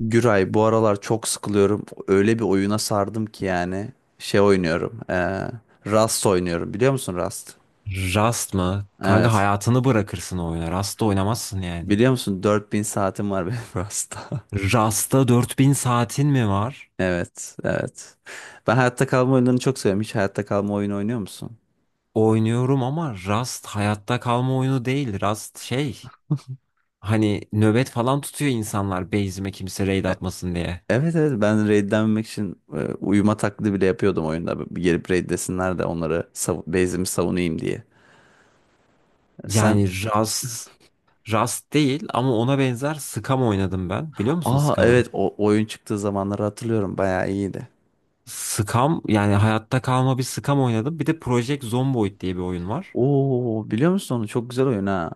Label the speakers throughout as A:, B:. A: Güray bu aralar çok sıkılıyorum. Öyle bir oyuna sardım ki yani. Şey oynuyorum. Rust oynuyorum. Biliyor musun Rust?
B: Rast mı? Kanka
A: Evet.
B: hayatını bırakırsın o oyuna. Rast'ta oynamazsın yani.
A: Biliyor musun 4.000 saatim var benim Rust'ta.
B: Rast'ta 4.000 saatin mi var?
A: Evet, evet. Ben hayatta kalma oyunlarını çok seviyorum. Hiç hayatta kalma oyunu oynuyor musun?
B: Oynuyorum ama Rast hayatta kalma oyunu değil. Rast şey. Hani nöbet falan tutuyor insanlar base'ime kimse raid
A: E-
B: atmasın diye.
A: Evet, evet, ben raidlenmemek için uyuma taklidi bile yapıyordum oyunda. Bir gelip raidlesinler de onları base'imi savunayım diye. Sen
B: Yani Rast Rast değil ama ona benzer Scum oynadım ben. Biliyor musun
A: Aa, evet,
B: Scum'ı?
A: o oyun çıktığı zamanları hatırlıyorum. Bayağı iyiydi.
B: Scum yani hayatta kalma bir Scum oynadım. Bir de Project Zomboid diye bir oyun var.
A: Oo, biliyor musun onu? Çok güzel oyun ha.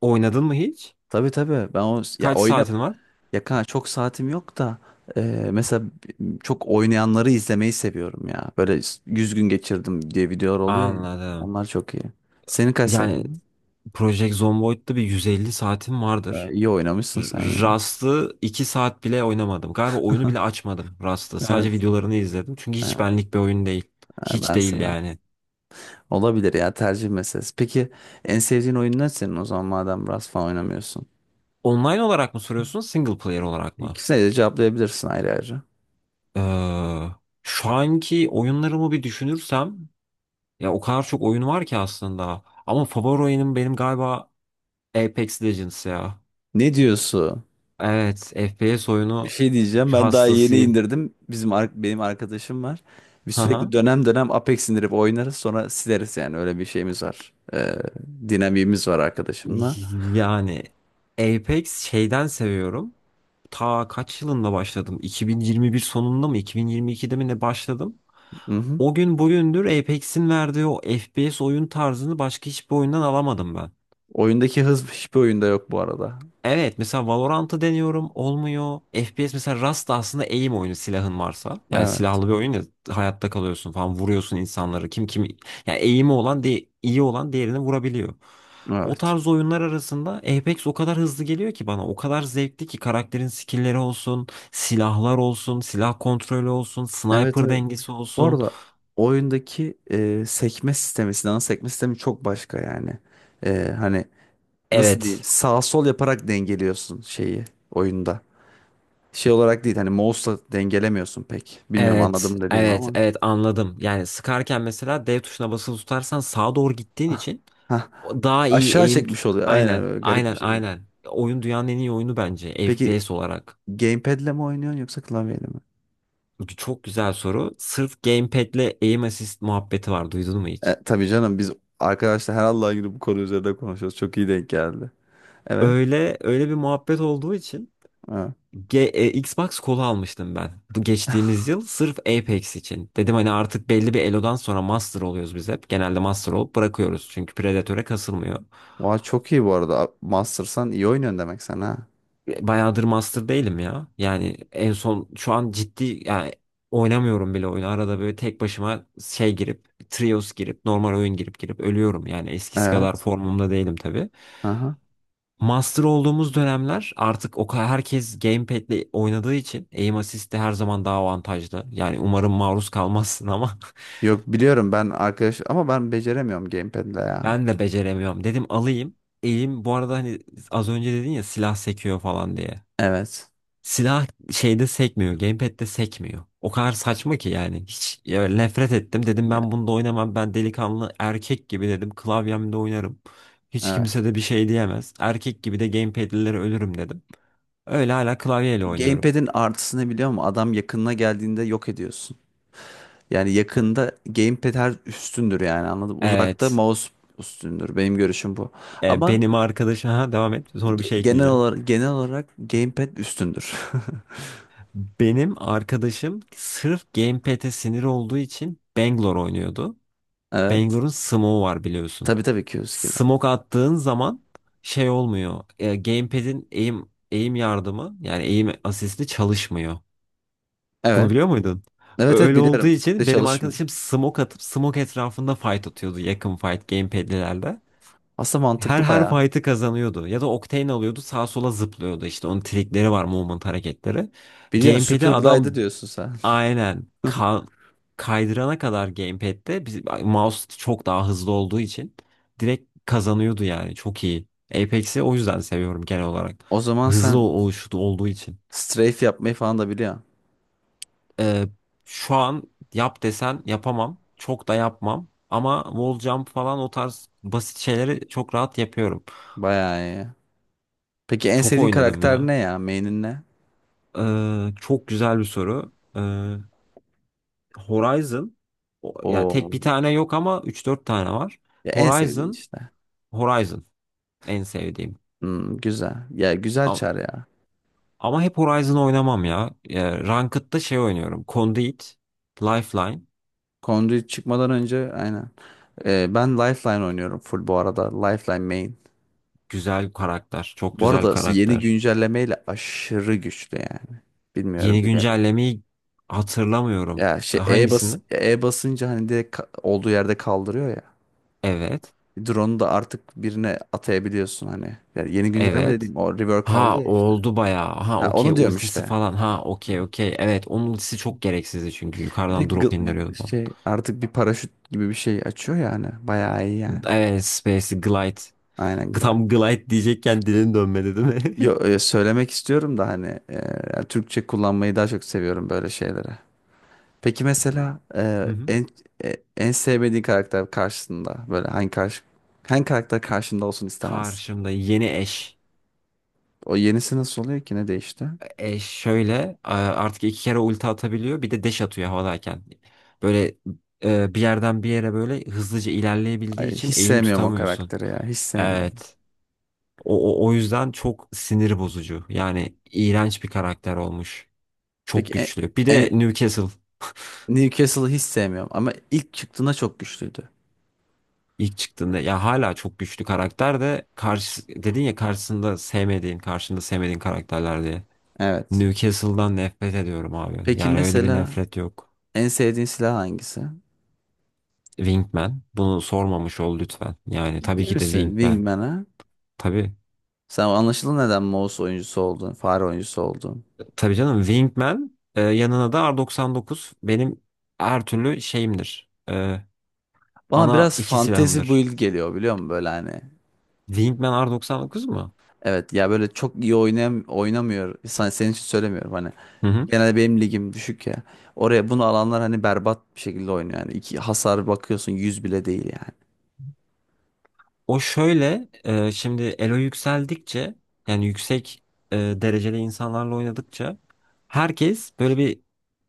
B: Oynadın mı hiç?
A: Tabii, tabii. Ben o ya
B: Kaç
A: oyna
B: saatin var?
A: Ya kanka çok saatim yok da, e, mesela çok oynayanları izlemeyi seviyorum ya. Böyle 100 gün geçirdim diye videolar oluyor ya.
B: Anladım.
A: Onlar çok iyi. Senin kaç
B: Yani
A: saatin?
B: Project Zomboid'da bir 150 saatim vardır.
A: İyi oynamışsın
B: R-
A: sen yine.
B: Rust'ı 2 saat bile oynamadım. Galiba oyunu bile açmadım Rust'ı. Sadece
A: Evet.
B: videolarını izledim. Çünkü
A: Ee,
B: hiç benlik bir oyun değil. Hiç
A: Ben
B: değil
A: seviyorum.
B: yani.
A: Olabilir ya, tercih meselesi. Peki en sevdiğin oyun ne senin o zaman, madem biraz falan oynamıyorsun?
B: Online olarak mı soruyorsun, single player olarak mı?
A: İkisine de cevaplayabilirsin ayrı ayrı.
B: Ee, Şu anki oyunlarımı bir düşünürsem, ya o kadar çok oyun var ki aslında. Ama favori oyunum benim galiba Apex Legends ya.
A: Ne diyorsun?
B: Evet, FPS
A: Bir
B: oyunu
A: şey diyeceğim. Ben daha yeni
B: hastasıyım.
A: indirdim. Benim arkadaşım var. Biz sürekli dönem dönem Apex indirip oynarız. Sonra sileriz yani. Öyle bir şeyimiz var. Dinamiğimiz var arkadaşımla.
B: Yani Apex şeyden seviyorum. Ta kaç yılında başladım? 2021 sonunda mı? 2022'de mi ne başladım?
A: Hı-hı.
B: O gün bugündür Apex'in verdiği o FPS oyun tarzını başka hiçbir oyundan alamadım ben.
A: Oyundaki hız hiçbir oyunda yok bu arada.
B: Evet mesela Valorant'ı deniyorum, olmuyor. FPS mesela Rust da aslında aim oyunu, silahın varsa. Yani
A: Evet.
B: silahlı bir oyun ya, hayatta kalıyorsun falan, vuruyorsun insanları. Kim yani aim'i olan, iyi olan diğerini vurabiliyor. O
A: Evet.
B: tarz oyunlar arasında Apex o kadar hızlı geliyor ki bana. O kadar zevkli ki; karakterin skill'leri olsun, silahlar olsun, silah kontrolü olsun,
A: Evet,
B: sniper
A: evet.
B: dengesi
A: Bu
B: olsun.
A: arada oyundaki sekme sistemi, silahın sekme sistemi çok başka yani. E, hani nasıl diyeyim?
B: Evet.
A: Sağ sol yaparak dengeliyorsun şeyi oyunda. Şey olarak değil, hani mouse'la dengelemiyorsun pek. Bilmiyorum
B: Evet,
A: anladım dediğimi
B: evet,
A: ama.
B: evet, anladım. Yani sıkarken mesela dev tuşuna basılı tutarsan sağa doğru gittiğin
A: Ah,
B: için
A: hah.
B: o daha iyi
A: Aşağı
B: aim
A: çekmiş oluyor. Aynen,
B: aynen,
A: böyle garip bir
B: aynen,
A: şekilde.
B: aynen. Oyun dünyanın en iyi oyunu bence
A: Peki
B: FPS olarak.
A: gamepad'le mi oynuyorsun yoksa klavyeyle mi?
B: Bu çok güzel soru. Sırf gamepad'le aim assist muhabbeti var. Duydun mu hiç?
A: E, tabii canım, biz arkadaşlar her Allah'ın günü bu konu üzerinde konuşuyoruz. Çok iyi denk geldi. Evet.
B: Öyle öyle bir muhabbet olduğu için
A: Evet.
B: Xbox kolu almıştım ben. Bu geçtiğimiz yıl sırf Apex için. Dedim hani artık belli bir elodan sonra master oluyoruz biz hep. Genelde master olup bırakıyoruz. Çünkü Predator'e kasılmıyor.
A: Vay, çok iyi bu arada. Master'san iyi oynuyorsun demek sen ha.
B: Bayağıdır master değilim ya. Yani en son şu an ciddi yani oynamıyorum bile oyunu. Arada böyle tek başıma şey girip, trios girip, normal oyun girip girip ölüyorum. Yani eskisi kadar
A: Evet.
B: formumda değilim tabii.
A: Aha.
B: Master olduğumuz dönemler artık o kadar herkes gamepad'le oynadığı için aim assist de her zaman daha avantajlı. Yani umarım maruz kalmazsın ama
A: Yok, biliyorum ben arkadaş, ama ben beceremiyorum gamepad'le ya.
B: ben de beceremiyorum. Dedim alayım. Elim bu arada hani az önce dedin ya silah sekiyor falan diye.
A: Evet.
B: Silah şeyde sekmiyor. Gamepad'de sekmiyor. O kadar saçma ki yani. Hiç ya, nefret ettim. Dedim
A: Ya,
B: ben bunda oynamam. Ben delikanlı erkek gibi dedim, klavyemde oynarım. Hiç
A: evet.
B: kimse de bir şey diyemez. Erkek gibi de gamepad'lilere ölürüm dedim. Öyle hala klavyeyle oynuyorum.
A: Gamepad'in artısını biliyor musun? Adam yakınına geldiğinde yok ediyorsun. Yani yakında gamepad her üstündür, yani anladım. Uzakta
B: Evet.
A: mouse üstündür. Benim görüşüm bu. Ama
B: Benim arkadaşım... Ha, devam et. Sonra bir şey
A: genel
B: ekleyeceğim.
A: olarak genel olarak gamepad üstündür.
B: Benim arkadaşım sırf gamepad'e sinir olduğu için Bangalore oynuyordu.
A: Evet.
B: Bangalore'un smoke'u var biliyorsun.
A: Tabii, tabii, Q-Skill'i.
B: Smoke attığın zaman şey olmuyor. Gamepad'in aim yardımı, yani aim asisti çalışmıyor. Bunu
A: Evet.
B: biliyor muydun?
A: Evet, evet,
B: Öyle olduğu
A: biliyorum. De
B: için benim
A: çalışmıyor.
B: arkadaşım smoke atıp smoke etrafında fight atıyordu, yakın fight gamepad'lilerle.
A: Aslında
B: Her
A: mantıklı
B: her
A: bayağı.
B: fight'ı kazanıyordu. Ya da Octane alıyordu, sağa sola zıplıyordu işte. Onun trikleri var, movement hareketleri.
A: Biliyorsun,
B: Gamepad'i
A: Super
B: adam...
A: Glide diyorsun sen.
B: Aynen. Kaydırana kadar gamepad'de biz, mouse çok daha hızlı olduğu için direkt kazanıyordu yani. Çok iyi. Apex'i o yüzden seviyorum genel olarak.
A: O zaman
B: Hızlı
A: sen
B: oluşu olduğu için.
A: strafe yapmayı falan da biliyorsun.
B: Ee, Şu an yap desen yapamam. Çok da yapmam. Ama wall jump falan, o tarz basit şeyleri çok rahat yapıyorum.
A: Bayağı iyi. Peki en
B: Çok
A: sevdiğin
B: oynadım
A: karakter
B: ya.
A: ne ya? Main'in ne?
B: Çok güzel bir soru. Horizon ya,
A: O
B: tek bir tane yok ama üç dört tane var.
A: ya, en sevdiğin
B: Horizon
A: işte.
B: Horizon en sevdiğim.
A: Hmm, güzel. Ya güzel
B: Ama,
A: çar ya.
B: ama hep Horizon oynamam ya. Ranked'da şey oynuyorum: Conduit, Lifeline.
A: Conduit çıkmadan önce, aynen. Ben Lifeline oynuyorum full bu arada. Lifeline main.
B: Güzel karakter. Çok
A: Bu
B: güzel
A: arada yeni
B: karakter.
A: güncellemeyle aşırı güçlü yani. Bilmiyorum
B: Yeni
A: bile.
B: güncellemeyi hatırlamıyorum.
A: Ya şey, E bas
B: Hangisini?
A: E basınca hani direkt olduğu yerde kaldırıyor ya.
B: Evet.
A: Drone'u da artık birine atayabiliyorsun hani. Yani yeni güncelleme
B: Evet.
A: dediğim o rework aldı
B: Ha,
A: ya işte.
B: oldu bayağı. Ha,
A: Ha,
B: okey,
A: onu diyorum
B: ultisi
A: işte.
B: falan. Ha okey, okey. Evet, onun ultisi çok gereksizdi çünkü
A: Bir de
B: yukarıdan drop indiriyordu falan.
A: şey artık bir paraşüt gibi bir şey açıyor yani. Bayağı iyi yani.
B: Evet, Space Glide.
A: Aynen.
B: Tam Glide diyecekken dilin dönmedi değil mi?
A: Yo, söylemek istiyorum da hani, yani Türkçe kullanmayı daha çok seviyorum böyle şeylere. Peki mesela
B: Hı
A: e,
B: hı.
A: en e, en sevmediğin karakter karşısında böyle hangi karakter karşında olsun istemez?
B: Karşımda yeni eş.
A: O yenisi nasıl oluyor ki, ne değişti?
B: Eş şöyle artık iki kere ulti atabiliyor. Bir de dash atıyor havadayken. Böyle bir yerden bir yere böyle hızlıca ilerleyebildiği
A: Ay,
B: için
A: hiç
B: eğim
A: sevmiyorum o
B: tutamıyorsun.
A: karakteri ya, hiç sevmiyorum.
B: Evet. O yüzden çok sinir bozucu. Yani iğrenç bir karakter olmuş.
A: Peki
B: Çok güçlü. Bir de
A: en-
B: Newcastle
A: Newcastle'ı hiç sevmiyorum ama ilk çıktığında çok güçlüydü.
B: ilk çıktığında, ya hala çok güçlü karakter de karşı dedin ya, karşısında sevmediğin, karşında sevmediğin karakterler diye.
A: Evet.
B: Newcastle'dan nefret ediyorum abi.
A: Peki
B: Yani öyle bir
A: mesela
B: nefret yok.
A: en sevdiğin silah hangisi?
B: Wingman. Bunu sormamış ol lütfen. Yani
A: Ciddi
B: tabii ki de
A: misin?
B: Wingman.
A: Wingman'a?
B: Tabii.
A: Sen anlaşılan neden mouse oyuncusu oldun, fare oyuncusu oldun.
B: Tabii canım, Wingman yanına da R99 benim her türlü şeyimdir.
A: Bana
B: Ana
A: biraz
B: iki
A: fantasy
B: silahımdır.
A: build geliyor biliyor musun böyle hani.
B: Wingman R99 mu?
A: Evet ya, böyle çok iyi oynamıyor. Senin için söylemiyorum hani.
B: Hı hı.
A: Genelde benim ligim düşük ya. Oraya bunu alanlar hani berbat bir şekilde oynuyor. Yani 2 hasar bakıyorsun, yüz bile değil yani.
B: O şöyle şimdi elo yükseldikçe, yani yüksek dereceli insanlarla oynadıkça herkes böyle bir,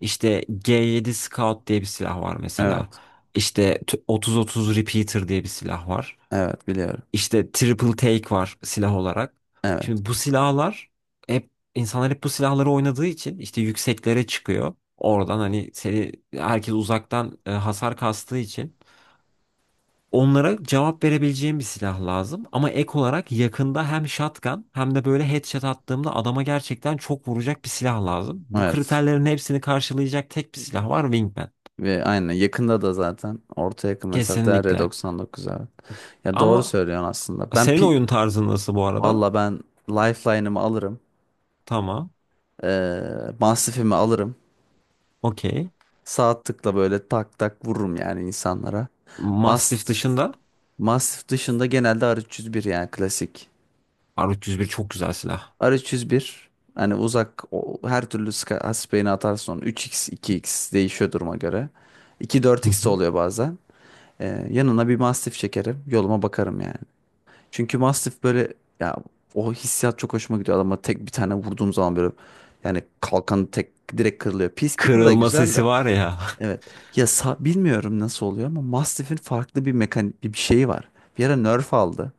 B: işte G7 Scout diye bir silah var mesela.
A: Evet.
B: İşte 30-30 Repeater diye bir silah var.
A: Evet, biliyorum.
B: İşte triple take var silah olarak.
A: Evet.
B: Şimdi bu silahlar, hep insanlar hep bu silahları oynadığı için işte yükseklere çıkıyor. Oradan hani seni herkes uzaktan hasar kastığı için onlara cevap verebileceğim bir silah lazım. Ama ek olarak yakında hem shotgun hem de böyle headshot attığımda adama gerçekten çok vuracak bir silah lazım. Bu
A: Evet.
B: kriterlerin hepsini karşılayacak tek bir silah var: Wingman.
A: Ve aynen yakında da zaten orta yakın mesafede
B: Kesinlikle.
A: R99 abi. Ya doğru
B: Ama
A: söylüyorsun aslında. Ben
B: senin
A: pi
B: oyun tarzın nasıl bu arada?
A: Valla ben lifeline'ımı alırım.
B: Tamam.
A: Ee, Mastifimi alırım.
B: Okey.
A: Sağ tıkla böyle tak tak vururum yani insanlara.
B: Mastiff
A: Mastif,
B: dışında
A: mastif dışında genelde R301 yani klasik.
B: R301 çok güzel silah.
A: R301 hani uzak her türlü hasbeyini atarsın onu. 3x 2x değişiyor duruma göre.
B: Hı
A: 2-4x de
B: hı.
A: oluyor bazen. Yanına bir mastif çekerim. Yoluma bakarım yani. Çünkü mastif böyle ya, o hissiyat çok hoşuma gidiyor. Ama tek bir tane vurduğum zaman böyle, yani kalkanı tek direkt kırılıyor. Peacekeeper da
B: Kırılma
A: güzel
B: sesi
A: de.
B: var ya.
A: Evet. Ya bilmiyorum nasıl oluyor ama Mastiff'in farklı bir mekanik bir şeyi var. Bir ara nerf aldı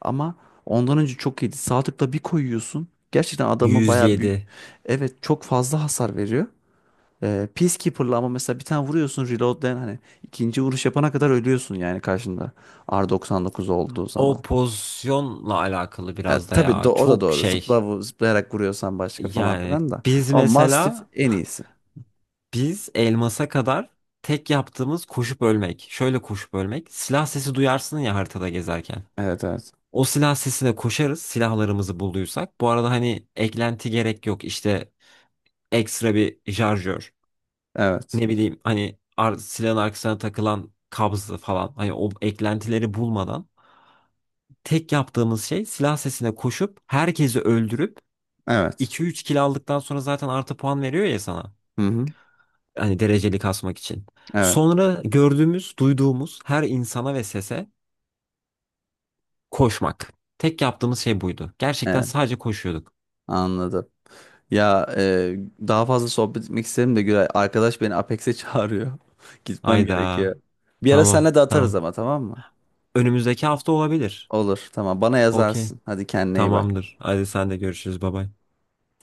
A: ama ondan önce çok iyiydi. Sağ tıkla bir koyuyorsun. Gerçekten adamı bayağı büyük.
B: 107.
A: Evet, çok fazla hasar veriyor. Peacekeeper'la ama mesela bir tane vuruyorsun, reload'den hani ikinci vuruş yapana kadar ölüyorsun yani karşında R99 olduğu
B: O
A: zaman.
B: pozisyonla alakalı
A: Ya
B: biraz da
A: tabii,
B: ya,
A: o da
B: çok
A: doğru.
B: şey.
A: Zıplayarak vuruyorsan başka falan
B: Yani
A: filan da.
B: biz
A: Ama Mastiff
B: mesela
A: en iyisi.
B: biz elmasa kadar tek yaptığımız koşup ölmek. Şöyle koşup ölmek. Silah sesi duyarsın ya haritada gezerken.
A: Evet, evet.
B: O silah sesine koşarız, silahlarımızı bulduysak. Bu arada hani eklenti gerek yok. İşte ekstra bir şarjör,
A: Evet.
B: ne bileyim hani silahın arkasına takılan kabzı falan, hani o eklentileri bulmadan tek yaptığımız şey silah sesine koşup herkesi öldürüp
A: Evet.
B: iki üç kill aldıktan sonra zaten artı puan veriyor ya sana.
A: Hı hı.
B: Hani dereceli kasmak için.
A: Evet.
B: Sonra gördüğümüz, duyduğumuz her insana ve sese koşmak. Tek yaptığımız şey buydu. Gerçekten
A: Evet.
B: sadece koşuyorduk.
A: Anladım. Ya, daha fazla sohbet etmek isterim de Güray. Arkadaş beni Apex'e çağırıyor. Gitmem
B: Ayda.
A: gerekiyor. Bir ara
B: Tamam,
A: senle de atarız
B: tamam.
A: ama, tamam mı?
B: Önümüzdeki hafta olabilir.
A: Olur, tamam, bana
B: Okey.
A: yazarsın. Hadi kendine iyi bak.
B: Tamamdır. Hadi sen de görüşürüz. Bay bay.